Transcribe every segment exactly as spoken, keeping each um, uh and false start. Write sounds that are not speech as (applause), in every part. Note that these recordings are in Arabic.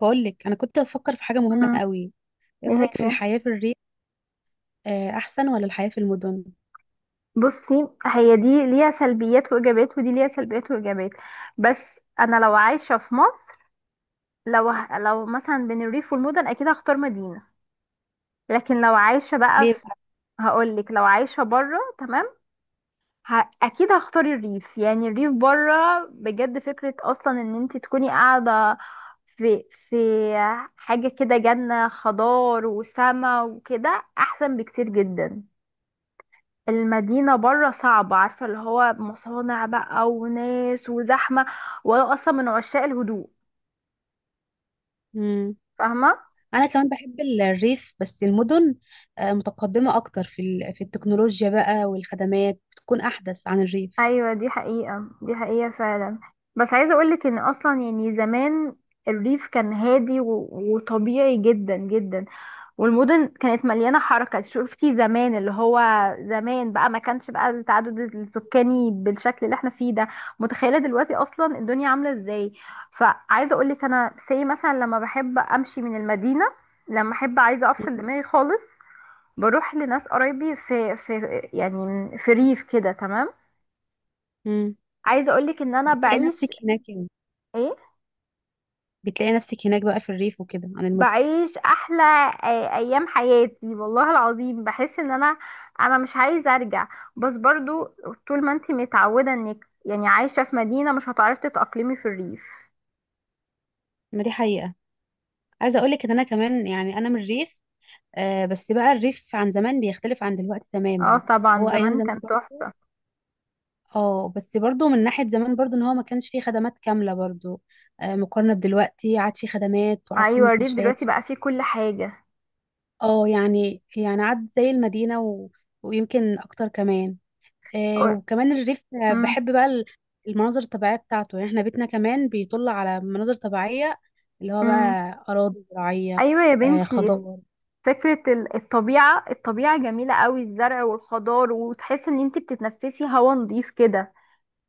بقول لك انا كنت بفكر في حاجه مهمه مم. قوي. ايه ايه رايك في هي الحياه في الريف؟ آه، احسن ولا الحياه في المدن؟ بصي هي دي ليها سلبيات وايجابيات ودي ليها سلبيات وايجابيات. بس انا لو عايشه في مصر، لو ه- لو مثلا بين الريف والمدن اكيد هختار مدينه. لكن لو عايشه بقى ليه في بقى؟ هقول لك لو عايشه بره تمام. ه... اكيد هختار الريف، يعني الريف بره بجد فكره اصلا ان انت تكوني قاعده في في حاجه كده، جنه خضار وسما وكده احسن بكتير جدا. المدينة بره صعبة، عارفة اللي هو مصانع بقى وناس وزحمة، وانا اصلا من عشاق الهدوء، مم. فاهمة؟ انا كمان بحب ال- الريف، بس المدن آه، متقدمه اكتر في ال- في التكنولوجيا بقى، والخدمات بتكون احدث عن الريف. ايوه دي حقيقة دي حقيقة فعلا. بس عايزة اقولك ان اصلا يعني زمان الريف كان هادي و... وطبيعي جدا جدا، والمدن كانت مليانة حركة. شفتي زمان اللي هو زمان بقى ما كانش بقى التعدد السكاني بالشكل اللي احنا فيه ده؟ متخيلة دلوقتي اصلا الدنيا عاملة ازاي؟ فعايزة اقولك انا سي مثلا لما بحب امشي من المدينة، لما احب عايزة مم. افصل دماغي خالص بروح لناس قرايبي في في يعني في ريف كده، تمام. مم. عايزه اقولك ان انا بتلاقي نفسك بعيش. هناك يعني؟ ايه؟ بتلاقي نفسك هناك بقى في الريف وكده عن المدن؟ بعيش احلى آه، ايام حياتي والله العظيم. بحس ان انا انا مش عايزه ارجع، بس برضو طول ما انتي متعوده انك يعني عايشه في مدينه مش هتعرفي تتاقلمي في الريف. ما دي حقيقه. عايزه اقول لك ان انا كمان، يعني انا من الريف. آه، بس بقى الريف عن زمان بيختلف عن دلوقتي اه تماما. طبعا هو ايام زمان كان زمان... تحفه. اه، بس برضو من ناحية زمان برضو ان هو ما كانش فيه خدمات كاملة برضو آه، مقارنة بدلوقتي، عاد فيه خدمات وعاد فيه ايوه الريف مستشفيات دلوقتي في... بقى فيه كل حاجه. اه، يعني يعني عاد زي المدينة و... ويمكن اكتر كمان. آه، أو- وكمان الريف، آه، مم. بحب بقى ال- المناظر الطبيعية بتاعته. يعني احنا بيتنا كمان بيطل على مناظر طبيعية، اللي هو بقى مم. أراضي زراعية، ايوه يا آه، بنتي، خضار. فكرة ال- الطبيعة الطبيعة جميلة قوي، الزرع والخضار، وتحس ان انتي بتتنفسي هوا نظيف كده.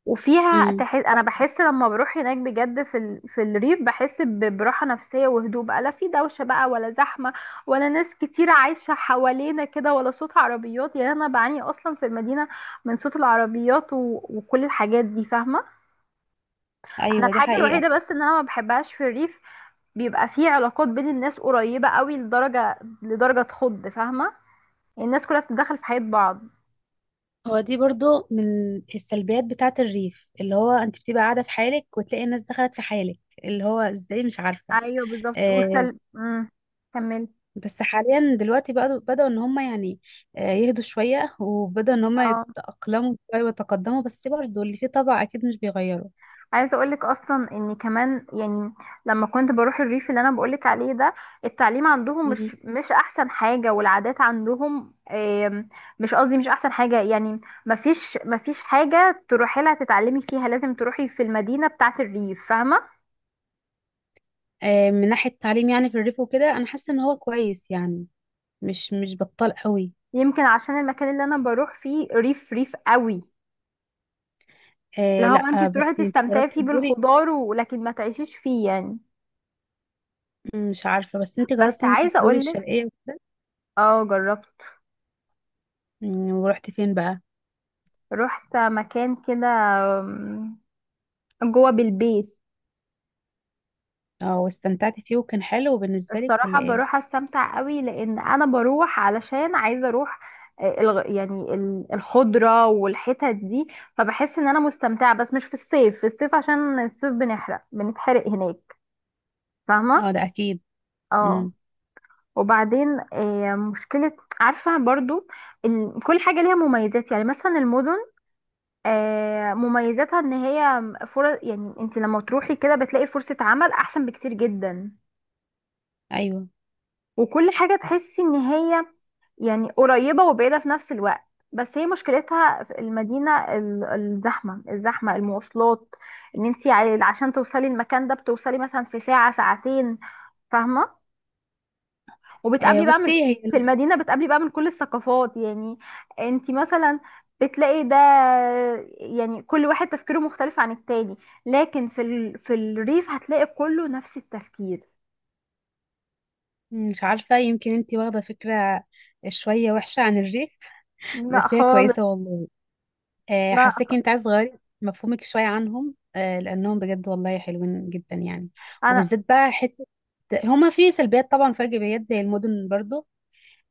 وفيها امم. تحس، انا بحس لما بروح هناك بجد في ال... في الريف بحس ب- براحه نفسيه وهدوء بقى، لا في دوشه بقى ولا زحمه ولا ناس كتير عايشه حوالينا كده ولا صوت عربيات. يعني انا بعاني اصلا في المدينه من صوت العربيات و... وكل الحاجات دي، فاهمه. انا ايوه، دي الحاجه حقيقة. الوحيده بس ان انا ما بحبهاش في الريف، بيبقى في علاقات بين الناس قريبه قوي لدرجه لدرجه تخض، فاهمه. يعني الناس كلها بتتدخل في حياه بعض. هو دي برضو من السلبيات بتاعة الريف، اللي هو انت بتبقى قاعدة في حالك وتلاقي الناس دخلت في حالك، اللي هو ازاي مش عارفة. ايوه بالظبط. آه. وسل امم كمل. بس حاليا دلوقتي بدأوا بدأوا ان هم، يعني آه يهدوا شوية، وبدأوا ان هم يتأقلموا شوية ويتقدموا، بس برضو اللي فيه طبع اكيد مش بيغيره. عايزه اقولك اصلا ان كمان يعني لما كنت بروح الريف اللي انا بقولك عليه ده، التعليم عندهم مم. مش مش احسن حاجه، والعادات عندهم آم، مش قصدي مش احسن حاجه يعني. مفيش مفيش حاجه تروحي لها تتعلمي فيها، لازم تروحي في المدينه بتاعه الريف، فاهمه. آه من ناحية التعليم يعني، في الريف وكده انا حاسة ان هو كويس يعني، مش مش بطال قوي. يمكن عشان المكان اللي انا بروح فيه ريف ريف قوي، اللي آه، هو انت لا، تروحي بس انت تستمتعي جربتي فيه تزوري؟ بالخضار ولكن ما تعيشيش فيه يعني. مم، مش عارفة، بس انت بس جربتي انت عايزه تزوري اقولك، الشرقية؟ اه جربت، مم، ورحتي فين بقى؟ رحت مكان كده جوه بالبيت. اه، واستمتعتي فيه وكان حلو بالنسبة لك الصراحة ولا ايه؟ بروح استمتع قوي لان انا بروح علشان عايزة اروح. آه، الغ- يعني ال- الخضرة والحتت دي، فبحس ان انا مستمتعة، بس مش في الصيف، في الصيف عشان الصيف بنحرق بنتحرق هناك، اه، فاهمة. ده اكيد. اه، امم. وبعدين آه، مشكلة، عارفة برضو، ال- كل حاجة ليها مميزات. يعني مثلا المدن آه، مميزاتها ان هي فرص. يعني انت لما تروحي كده بتلاقي فرصة عمل احسن بكتير جدا، ايوه. وكل حاجة تحسي ان هي يعني قريبة وبعيدة في نفس الوقت. بس هي مشكلتها في المدينة ال- الزحمة، الزحمة، المواصلات. ان انت عشان توصلي المكان ده بتوصلي مثلا في ساعة ساعتين، فاهمة. آه وبتقابلي بقى بصي من هي... في المدينة بتقابلي بقى من كل الثقافات. يعني انت مثلا بتلاقي ده، يعني كل واحد تفكيره مختلف عن التاني، لكن في ال... في الريف هتلاقي كله نفس التفكير. مم، مش عارفة، يمكن انتي واخدة فكرة شوية وحشة عن الريف، لا بس هي خالص، كويسة والله. آه لا خ- حاساكي انت عايز تغيري مفهومك شوية عنهم، آه لانهم بجد والله حلوين جدا يعني. انا. وبالذات بقى حتة... هما في سلبيات، طبعا في ايجابيات زي المدن برضو.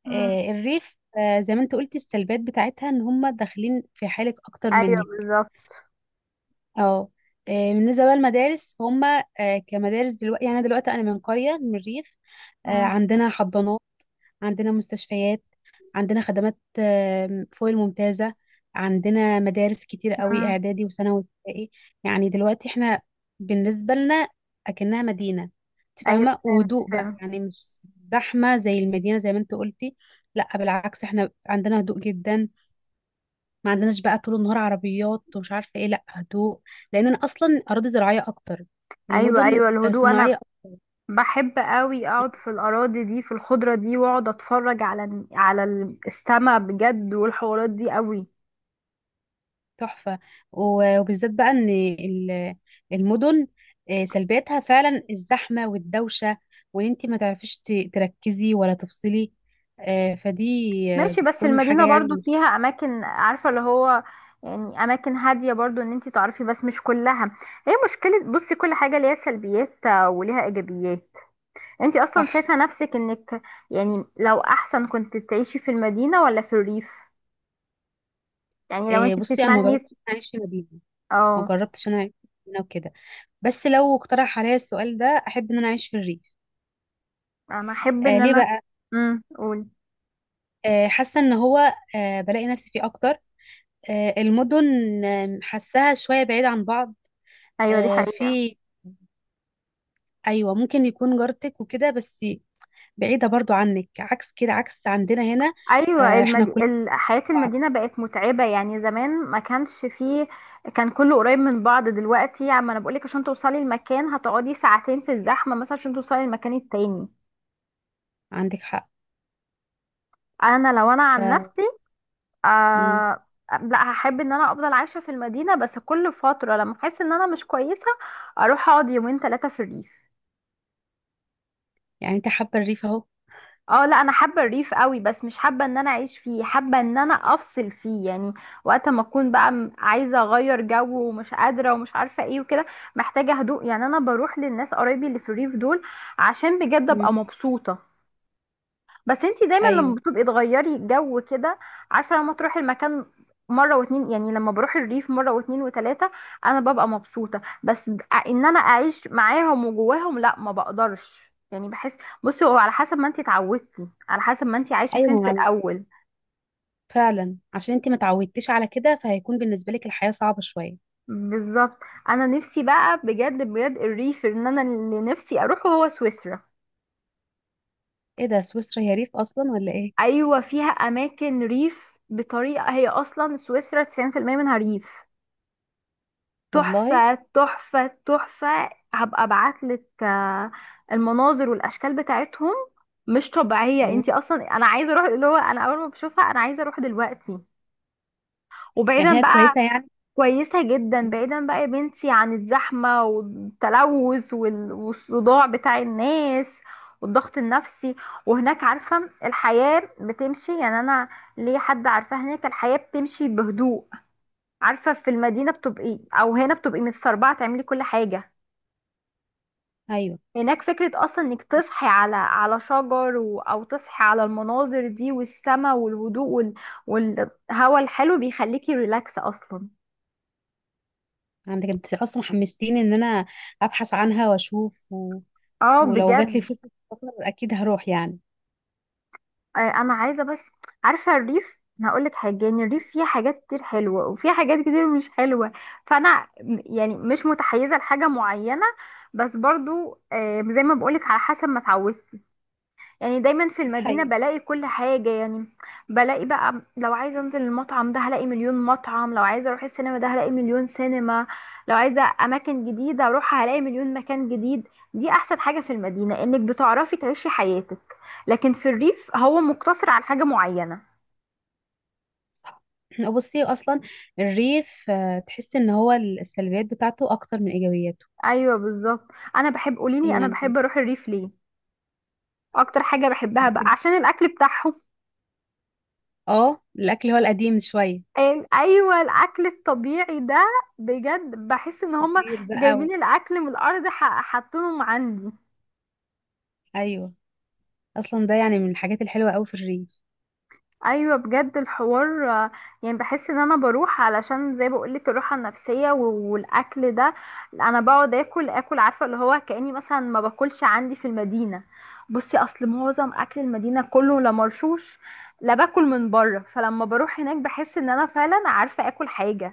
مم. آه الريف، آه زي ما انت قلتي، السلبيات بتاعتها ان هما داخلين في حالك اكتر ايوه منك. بالظبط. اه. آه، بالنسبة بقى للمدارس هم آه، كمدارس دلوقتي، يعني دلوقتي أنا من قرية، من الريف، آه، مم. عندنا حضانات، عندنا مستشفيات، عندنا خدمات آه، فوق الممتازة. عندنا مدارس كتير قوي، مم. إعدادي وثانوي وابتدائي. يعني دلوقتي احنا بالنسبة لنا أكنها مدينة، انت ايوه فاهمة. فهمت وهدوء بقى، فهمت. يعني مش زحمة زي المدينة زي ما انت قلتي. لا، بالعكس، احنا عندنا هدوء جدا. ما عندناش بقى طول النهار عربيات ومش عارفه ايه، لا، هدوء. لان انا اصلا اراضي زراعيه اكتر، ايوه المدن ايوه آه، الهدوء، انا صناعيه. بحب قوي اقعد في الاراضي دي، في الخضره دي، واقعد اتفرج على على السما بجد، والحوارات دي قوي. تحفه. و- وبالذات بقى ان ال- المدن آه، سلبياتها فعلا الزحمه والدوشه، وان انت ما تعرفيش ت- تركزي ولا تفصلي، آه، فدي آه، ماشي، بس بتكون حاجه المدينه يعني برضو مش... فيها اماكن، عارفه اللي هو يعني اماكن هاديه برضو ان انتي تعرفي، بس مش كلها. هي مشكله، بصي كل حاجه ليها سلبيات آه، وليها ايجابيات. انتي اصلا صح. شايفه نفسك انك يعني لو احسن كنت تعيشي في المدينه ولا في الريف، يعني لو آه، انتي بصي انا ما بتتمني. جربتش انا اعيش في مدينه، ما اه جربتش انا اعيش في مدينه وكده، بس لو اقترح عليا السؤال ده احب ان انا اعيش في الريف. انا احب آه ان ليه انا بقى؟ امم قول. آه، حاسه ان هو آه، بلاقي نفسي فيه اكتر. آه، المدن آه، حاساها شويه بعيد عن بعض، ايوه دي آه، حقيقة. في ايوه، ممكن يكون جارتك وكده بس بعيده برضو عنك، عكس كده، عكس عندنا هنا. ايوه آه، احنا المد... كل... ال- حياة المدينة بقت متعبة. يعني زمان ما كانش فيه، كان كله قريب من بعض. دلوقتي عم انا بقولك عشان توصلي المكان هتقعدي ساعتين في الزحمة مثلا عشان توصلي المكان التاني. عندك حق. انا لو انا ف عن نفسي، مم. آه... لا هحب ان انا افضل عايشة في المدينة، بس كل فترة لما احس ان انا مش كويسة اروح اقعد يومين ثلاثة في الريف. يعني انت حابه الريف اهو؟ اه لا، انا حابه الريف قوي، بس مش حابه ان انا اعيش فيه، حابه ان انا افصل فيه يعني. وقت ما اكون بقى م- عايزه اغير جو ومش قادره ومش عارفه ايه وكده، محتاجه هدوء، يعني انا بروح للناس قرايبي اللي في الريف دول عشان بجد ابقى مم. مبسوطه. بس انتي دايما لما ايوه. بتبقي تغيري جو كده، عارفه لما تروحي المكان مره واتنين، يعني لما بروح الريف مره واتنين وتلاته انا ببقى مبسوطه، بس ان انا اعيش معاهم وجواهم لا ما بقدرش يعني، بحس. بصي هو على حسب ما انتي اتعودتي، على حسب ما انتي عايشه فين ايوه في عم- الاول. فعلا، عشان انت ما تعودتيش على كده فهيكون بالنسبه لك الحياه صعبه شويه. بالظبط. انا نفسي بقى بجد بجد الريف ان انا اللي نفسي اروحه هو سويسرا. ايه ده، سويسرا هي ريف اصلا ولا ايه؟ ايوه فيها اماكن ريف بطريقه، هي اصلا سويسرا تسعين في المئة منها ريف. والله. تحفة تحفة تحفة. هبقى ابعتلك آه، المناظر والاشكال بتاعتهم، مش طبيعية. مم. انتي اصلا انا عايزة اروح، اللي هو انا اول ما بشوفها انا عايزة اروح دلوقتي. يعني وبعيدا هي بقى، كويسه يعني. كويسة جدا، بعيدا بقى يا بنتي عن الزحمة والتلوث وال- والصداع بتاع الناس والضغط النفسي. وهناك عارفة الحياة بتمشي، يعني انا ليه حد عارفة هناك الحياة بتمشي بهدوء. عارفة في المدينة بتبقي او هنا بتبقي متسربعة تعملي كل حاجة. ايوه. هناك فكرة أصلا إنك تصحي على على شجر، و... أو تصحي على المناظر دي والسماء والهدوء وال... والهواء الحلو بيخليكي ريلاكس أصلا. عندك انت اصلا حمستيني ان انا ابحث عنها واشوف و... اه ولو جات لي بجد. فرصه سفر اكيد هروح يعني. آه، أنا عايزة، بس عارفة الريف، أنا هقولك حاجة، يعني الريف فيه حاجات كتير حلوة وفيه حاجات كتير مش حلوة، فأنا م- يعني مش متحيزة لحاجة معينة، بس برضو آه، زي ما بقولك على حسب ما اتعودت. يعني دايما في دي المدينة حقيقة. بلاقي كل حاجة، يعني بلاقي بقى لو عايزة انزل المطعم ده هلاقي مليون مطعم، لو عايزة اروح السينما ده هلاقي مليون سينما، لو عايزة اماكن جديدة اروحها هلاقي مليون مكان جديد. دي احسن حاجة في المدينة، انك بتعرفي تعيشي حياتك، لكن في الريف هو مقتصر على حاجة معينة. صح. (clears throat) بصي اصلا الريف آه، تحس ان هو السلبيات بتاعته اكتر من ايجابياته. ايوه بالظبط. انا بحب، قوليلي انا يعني... بحب اروح الريف ليه؟ اكتر حاجة بحبها بقى بتحب؟ عشان الاكل بتاعهم. اه، الاكل هو القديم شويه، أن- ايوه، الاكل الطبيعي ده بجد، بحس ان هما فطير بقى و... جايبين الاكل من الارض ح- حاطينهم عندي. ايوه. اصلا ده يعني من الحاجات الحلوه قوي في الريف. ايوه بجد، الحوار آه، يعني بحس ان انا بروح علشان زي بقولك الراحه النفسيه و- والاكل ده. انا بقعد اكل اكل، عارفه اللي هو كاني مثلا ما باكلش عندي في المدينه. بصي اصل معظم اكل المدينه كله لا مرشوش، لا باكل من بره، فلما بروح هناك بحس ان انا فعلا عارفه اكل حاجه.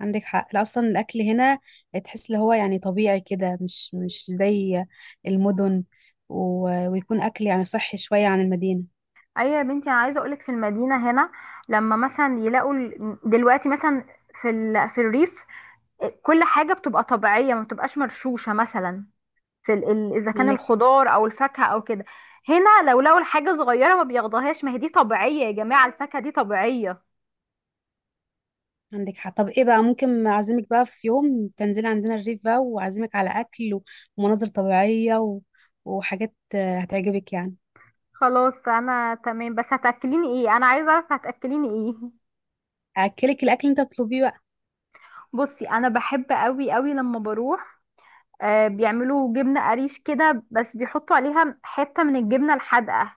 عندك حق، لا، اصلا الاكل هنا تحس اللي هو يعني طبيعي كده، مش مش زي المدن، و... ويكون اكل يعني صحي شويه عن المدينه. ايوه يا بنتي، انا عايزه اقولك في المدينه هنا، لما مثلا يلاقوا ال- دلوقتي مثلا في ال... في الريف آه، كل حاجه بتبقى طبيعيه، ما بتبقاش مرشوشه مثلا، في ال... ال- اذا كان عندك حق. الخضار او الفاكهه او كده. هنا لو لقوا الحاجه صغيره ما بياخدوهاش، ما هي دي طبيعيه يا جماعه، الفاكهه دي طبيعيه. عندك حق، طب ايه بقى، ممكن اعزمك بقى في يوم تنزلي عندنا الريف بقى، واعزمك على اكل ومناظر طبيعية و... وحاجات آه، هتعجبك يعني. خلاص انا تمام، بس هتاكليني ايه؟ انا عايزه اعرف هتاكليني ايه (laughs) اكلك الاكل اللي انت تطلبيه بقى. بصي انا بحب قوي قوي لما بروح آه، بيعملوا جبنه قريش كده بس بيحطوا عليها حته من الجبنه الحادقه.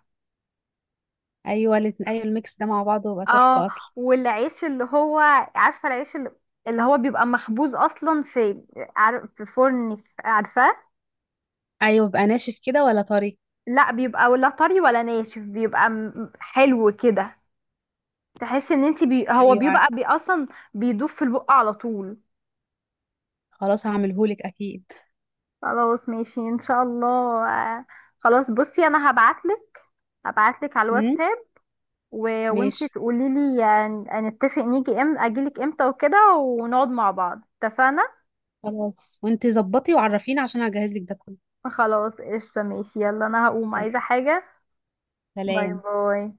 ايوه الات- ايوه الميكس ده مع بعضه بيبقى اه، تحفة اصلا. والعيش اللي هو، عارفه العيش اللي, اللي هو بيبقى مخبوز اصلا في عار- في فرن، عارفاه. ايوه، بيبقى ناشف كده ولا طري؟ لا بيبقى ولا طري ولا ناشف، بيبقى م- حلو كده، تحس ان انت بي... هو ايوه، بيبقى عارفه. بي اصلا بيدوب في البق على طول. خلاص هعملهولك اكيد. خلاص ماشي ان شاء الله. آه، خلاص بصي انا هبعتلك هبعتلك على امم. الواتساب، و... ماشي. وانتي تقولي لي، نتفق نيجي ام اجيلك امتى وكده، ونقعد مع بعض، اتفقنا؟ خلاص وانت ظبطي وعرفيني عشان هجهز لك ده كله. خلاص قشطة، ماشي، يلا انا هقوم تمام. عايزة حاجة. باي سلام. باي.